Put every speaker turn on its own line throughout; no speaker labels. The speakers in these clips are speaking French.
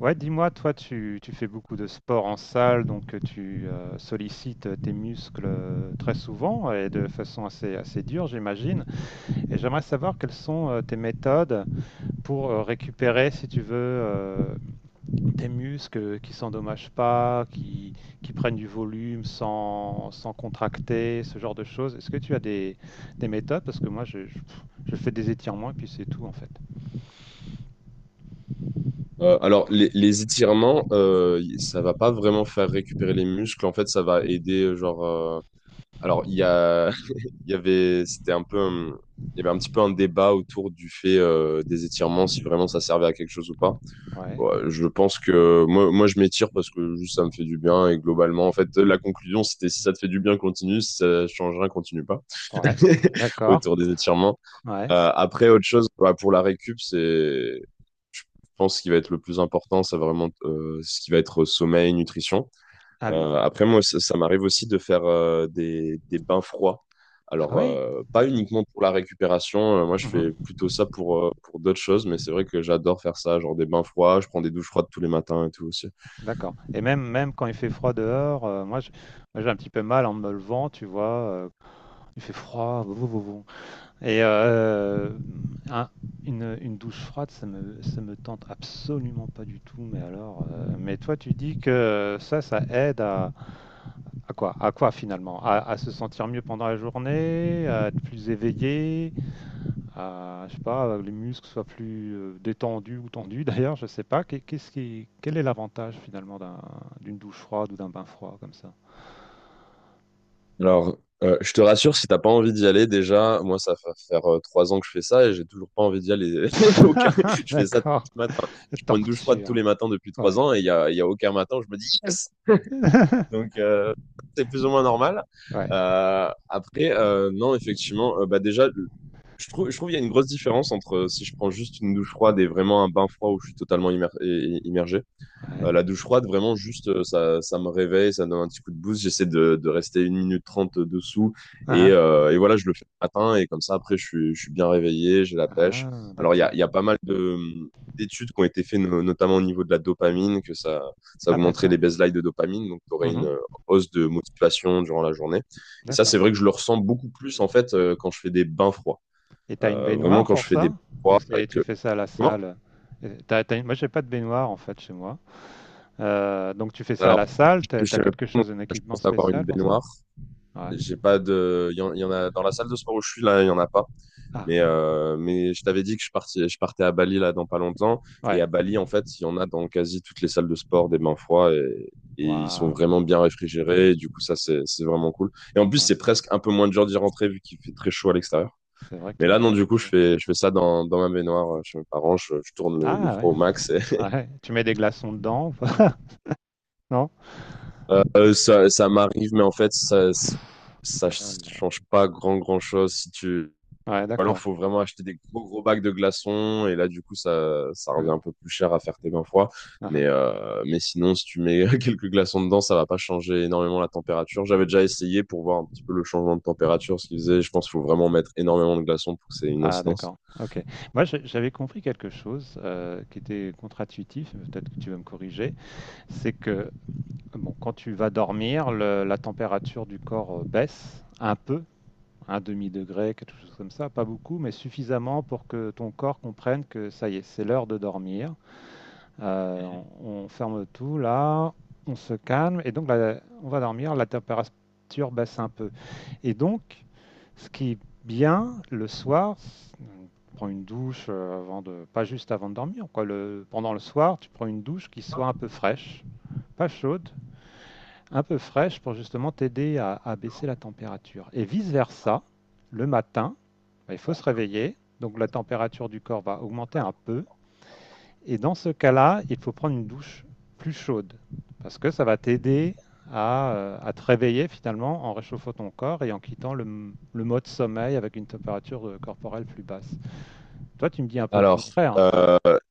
Ouais, dis-moi, toi, tu fais beaucoup de sport en salle, donc tu sollicites tes muscles très souvent et de façon assez dure, j'imagine. Et j'aimerais savoir quelles sont tes méthodes pour récupérer, si tu veux, tes muscles qui s'endommagent pas, qui prennent du volume sans contracter, ce genre de choses. Est-ce que tu as des méthodes? Parce que moi, je fais des étirements et puis c'est tout, en fait.
Les étirements, ça va pas vraiment faire récupérer les muscles. En fait, ça va aider, Alors, il y a, il y avait, c'était un peu, un- il y avait un petit peu un débat autour du fait des étirements, si vraiment ça servait à quelque chose ou pas.
Ouais,
Ouais, je pense que moi, je m'étire parce que juste ça me fait du bien et globalement, en fait, la conclusion, c'était si ça te fait du bien, continue. Si ça change rien, continue pas.
ouais, d'accord,
Autour des étirements.
ouais.
Après, autre chose, bah, pour la récup, c'est je pense que ce qui va être le plus important, c'est vraiment ce qui va être sommeil, nutrition.
Ah oui.
Après, moi, ça m'arrive aussi de faire des bains froids.
Ah
Alors,
oui?
pas uniquement pour la récupération, moi je fais plutôt ça pour d'autres choses, mais c'est vrai que j'adore faire ça, genre des bains froids, je prends des douches froides tous les matins et tout aussi.
D'accord. Et même, même quand il fait froid dehors, moi, j'ai un petit peu mal en me levant, tu vois. Il fait froid, vou. Et un- une douche froide, ça me tente absolument pas du tout. Mais alors, mais toi, tu dis que ça aide à quoi? À quoi finalement? À se sentir mieux pendant la journée, à être plus éveillé, je sais pas, les muscles soient plus détendus ou tendus d'ailleurs, je sais pas. Qu'est-ce qui, quel est l'avantage finalement d'une douche froide ou d'un bain froid comme ça?
Alors, je te rassure, si t'as pas envie d'y aller, déjà, moi ça va faire trois ans que je fais ça et j'ai toujours pas envie d'y aller. Je fais ça tous
D'accord.
les matins. Je prends une douche froide tous
Torture.
les matins depuis trois
Ouais.
ans et il y a aucun matin où je me dis, yes. Donc, c'est plus ou moins normal.
Ouais.
Non, effectivement, bah déjà, je trouve qu'il y a une grosse différence entre si je prends juste une douche froide et vraiment un bain froid où je suis totalement immergé.
Ouais.
La douche froide, vraiment, juste, ça me réveille, ça me donne un petit coup de boost. J'essaie de rester une minute trente dessous.
Ah, hein.
Et voilà, je le fais le matin. Et comme ça, après, je suis bien réveillé, j'ai la pêche.
Ah,
Alors,
d'accord.
il y a pas mal de, d'études qui ont été faites, notamment au niveau de la dopamine, ça
Ah,
augmenterait
d'accord.
les baselines de dopamine. Donc, tu aurais une
Mhm.
hausse de motivation durant la journée. Et ça, c'est
D'accord.
vrai que je le ressens beaucoup plus, en fait, quand je fais des bains froids.
Et t'as une
Vraiment,
baignoire
quand je
pour
fais des
ça?
bains froids. Et
Tu
que...
fais ça à la
Comment?
salle? Moi, j'ai pas de baignoire en fait chez moi. Donc tu fais ça à
Alors,
la salle?
je suis
T'as
chez mes
quelque
parents, donc
chose, un
je
équipement
pense avoir une
spécial pour ça?
baignoire.
Ouais.
J'ai pas de. Il y en a dans la salle de sport où je suis là, il y en a pas.
Ah,
Mais je t'avais dit que je partais à Bali là dans pas longtemps. Et
ouais.
à Bali, en fait, il y en a dans quasi toutes les salles de sport des bains froids et ils sont
Waouh,
vraiment bien réfrigérés. Et du coup, ça, c'est vraiment cool. Et en plus,
ouais.
c'est presque un peu moins dur d'y rentrer vu qu'il fait très chaud à l'extérieur.
C'est vrai que
Mais là,
là-bas,
non,
il
du
fait
coup,
chaud.
je fais ça dans ma baignoire chez mes parents. Je tourne le
Ah ouais,
froid au max. Et,
ouais. Tu mets des glaçons dedans ou pas? Non?
ça m'arrive, mais en fait, ça
Ah, ouais,
change pas grand chose si tu
ouais,
alors,
d'accord.
faut vraiment acheter des gros bacs de glaçons. Et là, du coup, ça revient
Ouais.
un peu plus cher à faire tes 20 fois.
Ah, ah.
Mais sinon, si tu mets quelques glaçons dedans, ça va pas changer énormément la température. J'avais déjà essayé pour voir un petit peu le changement de température, ce qu'ils faisaient. Je pense qu'il faut vraiment mettre énormément de glaçons pour que c'est une
Ah,
incidence.
d'accord. Ok. J'avais compris quelque chose qui était contre-intuitif, mais peut-être que tu vas me corriger. C'est que, bon, quand tu vas dormir, la température du corps baisse un peu, un demi-degré, quelque chose comme ça. Pas beaucoup, mais suffisamment pour que ton corps comprenne que ça y est, c'est l'heure de dormir. Euh, on ferme tout là, on se calme et donc là, on va dormir, la température baisse un peu. Et donc, ce qui est bien le soir, on prend une douche pas juste avant de dormir, quoi. Pendant le soir, tu prends une douche qui soit un peu fraîche, pas chaude, un peu fraîche pour justement t'aider à baisser la température. Et vice-versa, le matin, bah, il faut se réveiller, donc la température du corps va augmenter un peu. Et dans ce cas-là, il faut prendre une douche plus chaude parce que ça va t'aider à te réveiller finalement en réchauffant ton corps et en quittant le mode sommeil avec une température corporelle plus basse. Toi, tu me dis un peu le
Alors,
contraire.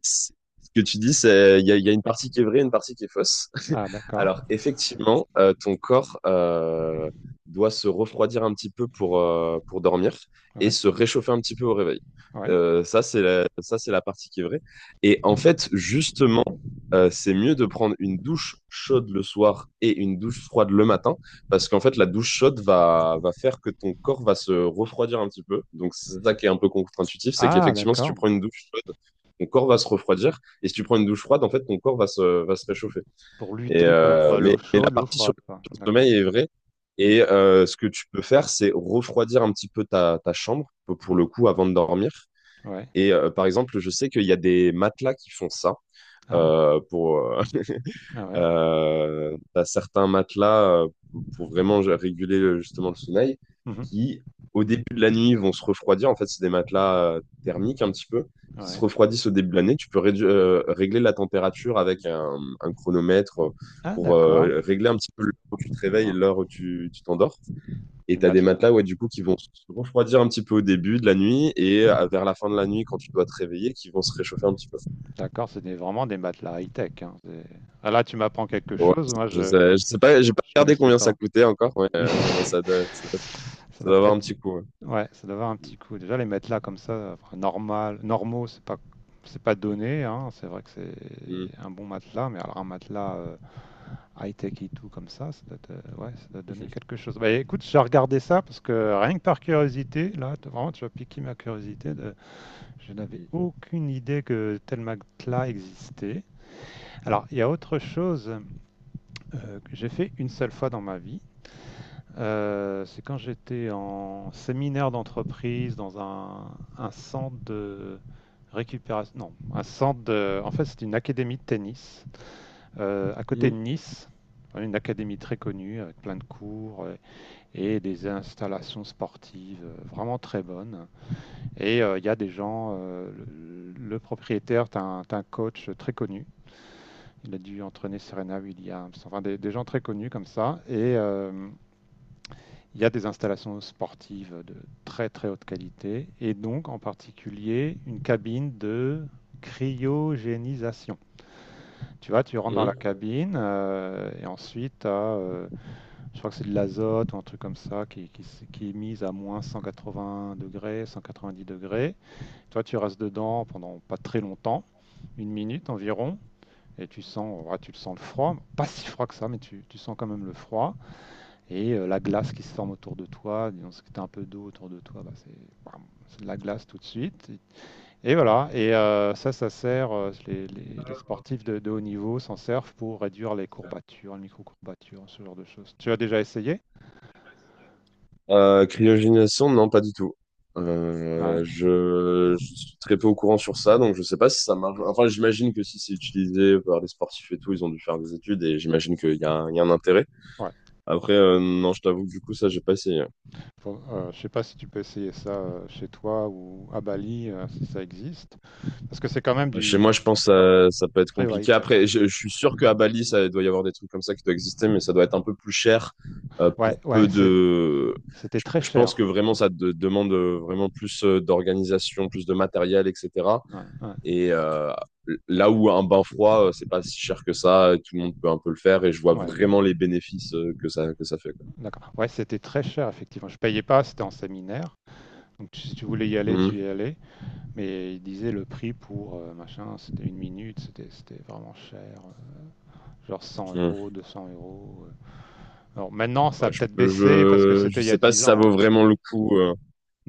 c'est- ce que tu dis, c'est il y a une partie qui est vraie, une partie qui est fausse.
Ah, d'accord.
Alors effectivement, ton corps doit se refroidir un petit peu pour dormir et
Ouais,
se réchauffer un petit peu au réveil.
ouais.
Ça, c'est la partie qui est vraie. Et en fait, justement, c'est mieux de prendre une douche chaude le soir et une douche froide le matin, parce qu'en fait, la douche chaude va faire que ton corps va se refroidir un petit peu. Donc, c'est ça qui est un peu contre-intuitif, c'est
Ah,
qu'effectivement, si tu
d'accord.
prends une douche ton corps va se refroidir. Et si tu prends une douche froide, en fait, ton corps va va se réchauffer.
Pour
Et,
lutter contre l'eau
mais la
chaude, l'eau
partie
froide, quoi.
sur le
D'accord.
sommeil est vraie.
Mm.
Et ce que tu peux faire, c'est refroidir un petit peu ta chambre, pour le
Mhm.
coup, avant de dormir.
Ouais.
Et par exemple, je sais qu'il y a des matelas qui font ça
Ah, ouais.
euh, pour, euh,
Ah ouais.
t'as certains matelas pour vraiment réguler justement le sommeil
Mhm.
qui, au début de la nuit, vont se refroidir. En fait, c'est des matelas thermiques un petit peu qui se
Ouais.
refroidissent au début de l'année. Tu peux régler la température avec un chronomètre
Ah,
pour
d'accord.
régler un petit peu l'heure où tu te réveilles et
Wow.
l'heure où tu t'endors.
Les
Et t'as des matelas,
matelas.
ouais, du coup, qui vont se refroidir un petit peu au début de la nuit et vers la fin de la nuit, quand tu dois te réveiller, qui vont se réchauffer un petit peu.
D'accord, vraiment des matelas high-tech, hein, ah, là, tu m'apprends quelque
Ouais,
chose, moi je
je sais pas, j'ai pas
je
regardé
connaissais
combien ça
pas.
coûtait encore,
Oui,
mais
ça
ça
doit
doit
pas
avoir un
être-
petit coup. Ouais.
ouais, ça doit avoir un petit coup. Déjà les matelas comme ça, enfin, normaux, c'est pas donné, hein. C'est vrai que
Mm.
c'est un bon matelas, mais alors un matelas high-tech et tout comme ça, ouais, ça doit donner quelque chose. Bah écoute, je vais regarder ça parce que rien que par curiosité, vraiment tu as piqué ma curiosité. Je n'avais aucune idée que tel matelas existait. Alors, il y a autre chose que j'ai fait une seule fois dans ma vie. C'est quand j'étais en séminaire d'entreprise dans un centre de récupération. Non, un centre de. En fait, c'est une académie de tennis à côté
Mhm.
de Nice. Enfin, une académie très connue avec plein de cours et des installations sportives vraiment très bonnes. Et il y a des gens, le propriétaire, t'as un coach très connu. Il a dû entraîner Serena Williams, enfin des gens très connus comme ça. Et il y a des installations sportives de très très haute qualité, et donc en particulier une cabine de cryogénisation. Tu vois, tu rentres dans la
Mhm.
cabine et ensuite, je crois que c'est de l'azote ou un truc comme ça qui est mise à moins 180 degrés, 190 degrés. Toi, tu restes dedans pendant pas très longtemps, 1 minute environ, et tu sens, ouais, tu le sens le froid, pas si froid que ça, mais tu sens quand même le froid et la glace qui se forme autour de toi. Disons, si tu as un peu d'eau autour de toi, bah, c'est bam, c'est de la glace tout de suite. Et voilà, et ça sert, les sportifs de haut niveau s'en servent pour réduire les courbatures, les micro-courbatures, ce genre de choses. Tu as déjà essayé?
Cryogénisation, non, pas du tout.
Ouais.
Je suis très peu au courant sur ça, donc je sais pas si ça marche. Enfin, j'imagine que si c'est utilisé par les sportifs et tout, ils ont dû faire des études et j'imagine qu'il y a, il y a un intérêt.
Ouais.
Après, non, je t'avoue que du coup, ça, j'ai pas essayé.
Je sais pas si tu peux essayer ça chez toi ou à Bali, si ça existe. Parce que c'est quand même
Bah, chez moi,
du
je pense que ça peut être
très
compliqué.
high-tech.
Après, je suis sûr qu'à Bali, ça doit y avoir des trucs comme ça qui doivent exister, mais ça doit être un peu plus cher
Ouais,
pour peu
ouais,
de...
c'était très
Je pense
cher.
que vraiment, demande vraiment plus d'organisation, plus de matériel, etc.
Ouais, ouais,
Et là où un bain froid, c'est pas si cher que ça, et tout le monde peut un peu le faire, et je vois
ouais,
vraiment les bénéfices que ça fait, quoi.
d'accord. Ouais, c'était très cher, effectivement. Je payais pas, c'était en séminaire. Si tu voulais y aller,
Mhm,
tu y allais. Mais ils disaient le prix pour machin, c'était 1 minute, c'était vraiment cher. Genre cent
mhm.
euros, 200 euros. Alors maintenant, ça a
Ouais,
peut-être baissé parce que
je
c'était il y a
sais pas si
dix
ça
ans. hein.
vaut vraiment le coup.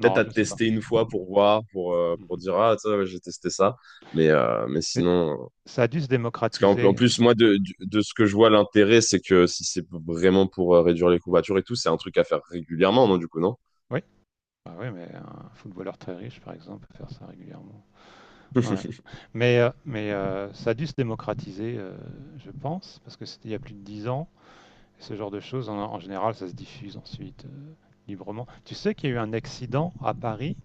Peut-être à
je sais pas.
tester une fois pour voir, pour
Mhm.
dire, ah, ça, ouais, j'ai testé ça. Mais,
Mais ça a dû se
parce qu'en en
démocratiser, hein.
plus, moi, de ce que je vois, l'intérêt, c'est que si c'est vraiment pour réduire les courbatures et tout, c'est un truc à faire régulièrement, non, du coup, non?
Oui. Bah oui, mais un footballeur très riche, par exemple, peut faire ça régulièrement. Ouais. Ça a dû se démocratiser, je pense, parce que c'était il y a plus de 10 ans. Ce genre de choses, en général, ça se diffuse ensuite librement. Tu sais qu'il y a eu un accident à Paris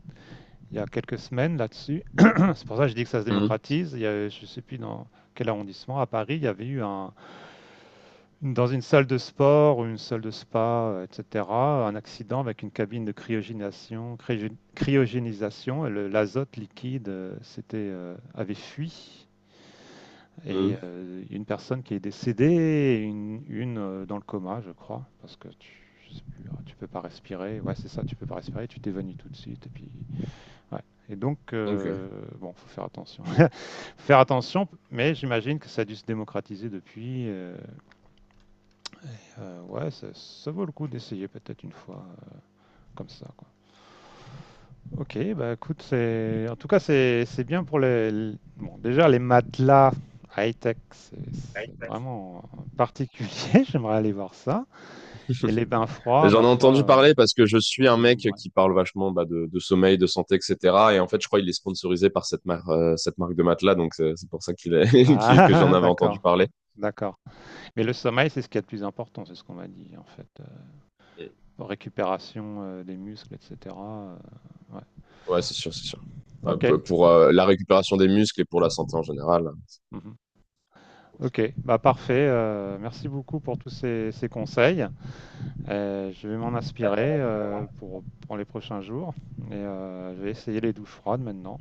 il y a quelques semaines là-dessus. C'est pour ça que je dis que ça se
Mhm.
démocratise. Il y a, je ne sais plus dans quel arrondissement à Paris, il y avait eu dans une salle de sport ou une salle de spa, etc., un accident avec une cabine de cryogénisation. Cryogénisation et l'azote liquide avait fui et
Mhm.
une personne qui est décédée et dans le coma, je crois, parce que je sais plus, tu peux pas respirer. Ouais, c'est ça, tu peux pas respirer, tu t'évanouis tout de suite. Et puis, ouais. Et donc,
Ok.
bon, faut faire attention. Faut faire attention, mais j'imagine que ça a dû se démocratiser depuis. Ouais, ça vaut le coup d'essayer peut-être une fois comme ça, quoi. Ok, bah écoute, c'est en tout cas c'est bien pour bon, déjà les matelas high-tech, c'est vraiment particulier, j'aimerais aller voir ça. Et les bains
Mais
froids,
j'en
ma
ai
foi,
entendu parler parce que je suis un
je me
mec
mouillerai.
qui parle vachement bah, de sommeil, de santé, etc. Et en fait, je crois qu'il est sponsorisé par cette marque de matelas, donc c'est pour ça qu'il est,
Ah,
que j'en avais entendu
d'accord,
parler.
d'accord. Mais le sommeil, c'est ce qui est le plus important, c'est ce qu'on m'a dit en fait. Récupération des muscles, etc. euh, ouais.
Ouais, c'est sûr. Bah,
Ok,
pour la récupération des muscles et pour la santé en général,
mhm. Ok, bah parfait. Merci beaucoup pour tous ces, ces conseils. Je vais m'en inspirer pour les prochains jours. Et je vais essayer les douches froides maintenant.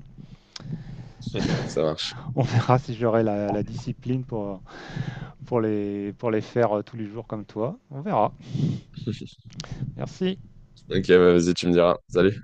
ça marche.
On verra si j'aurai la discipline pour les faire tous les jours comme toi. On verra. Merci.
Ok, bah, vas-y, tu me diras. Salut.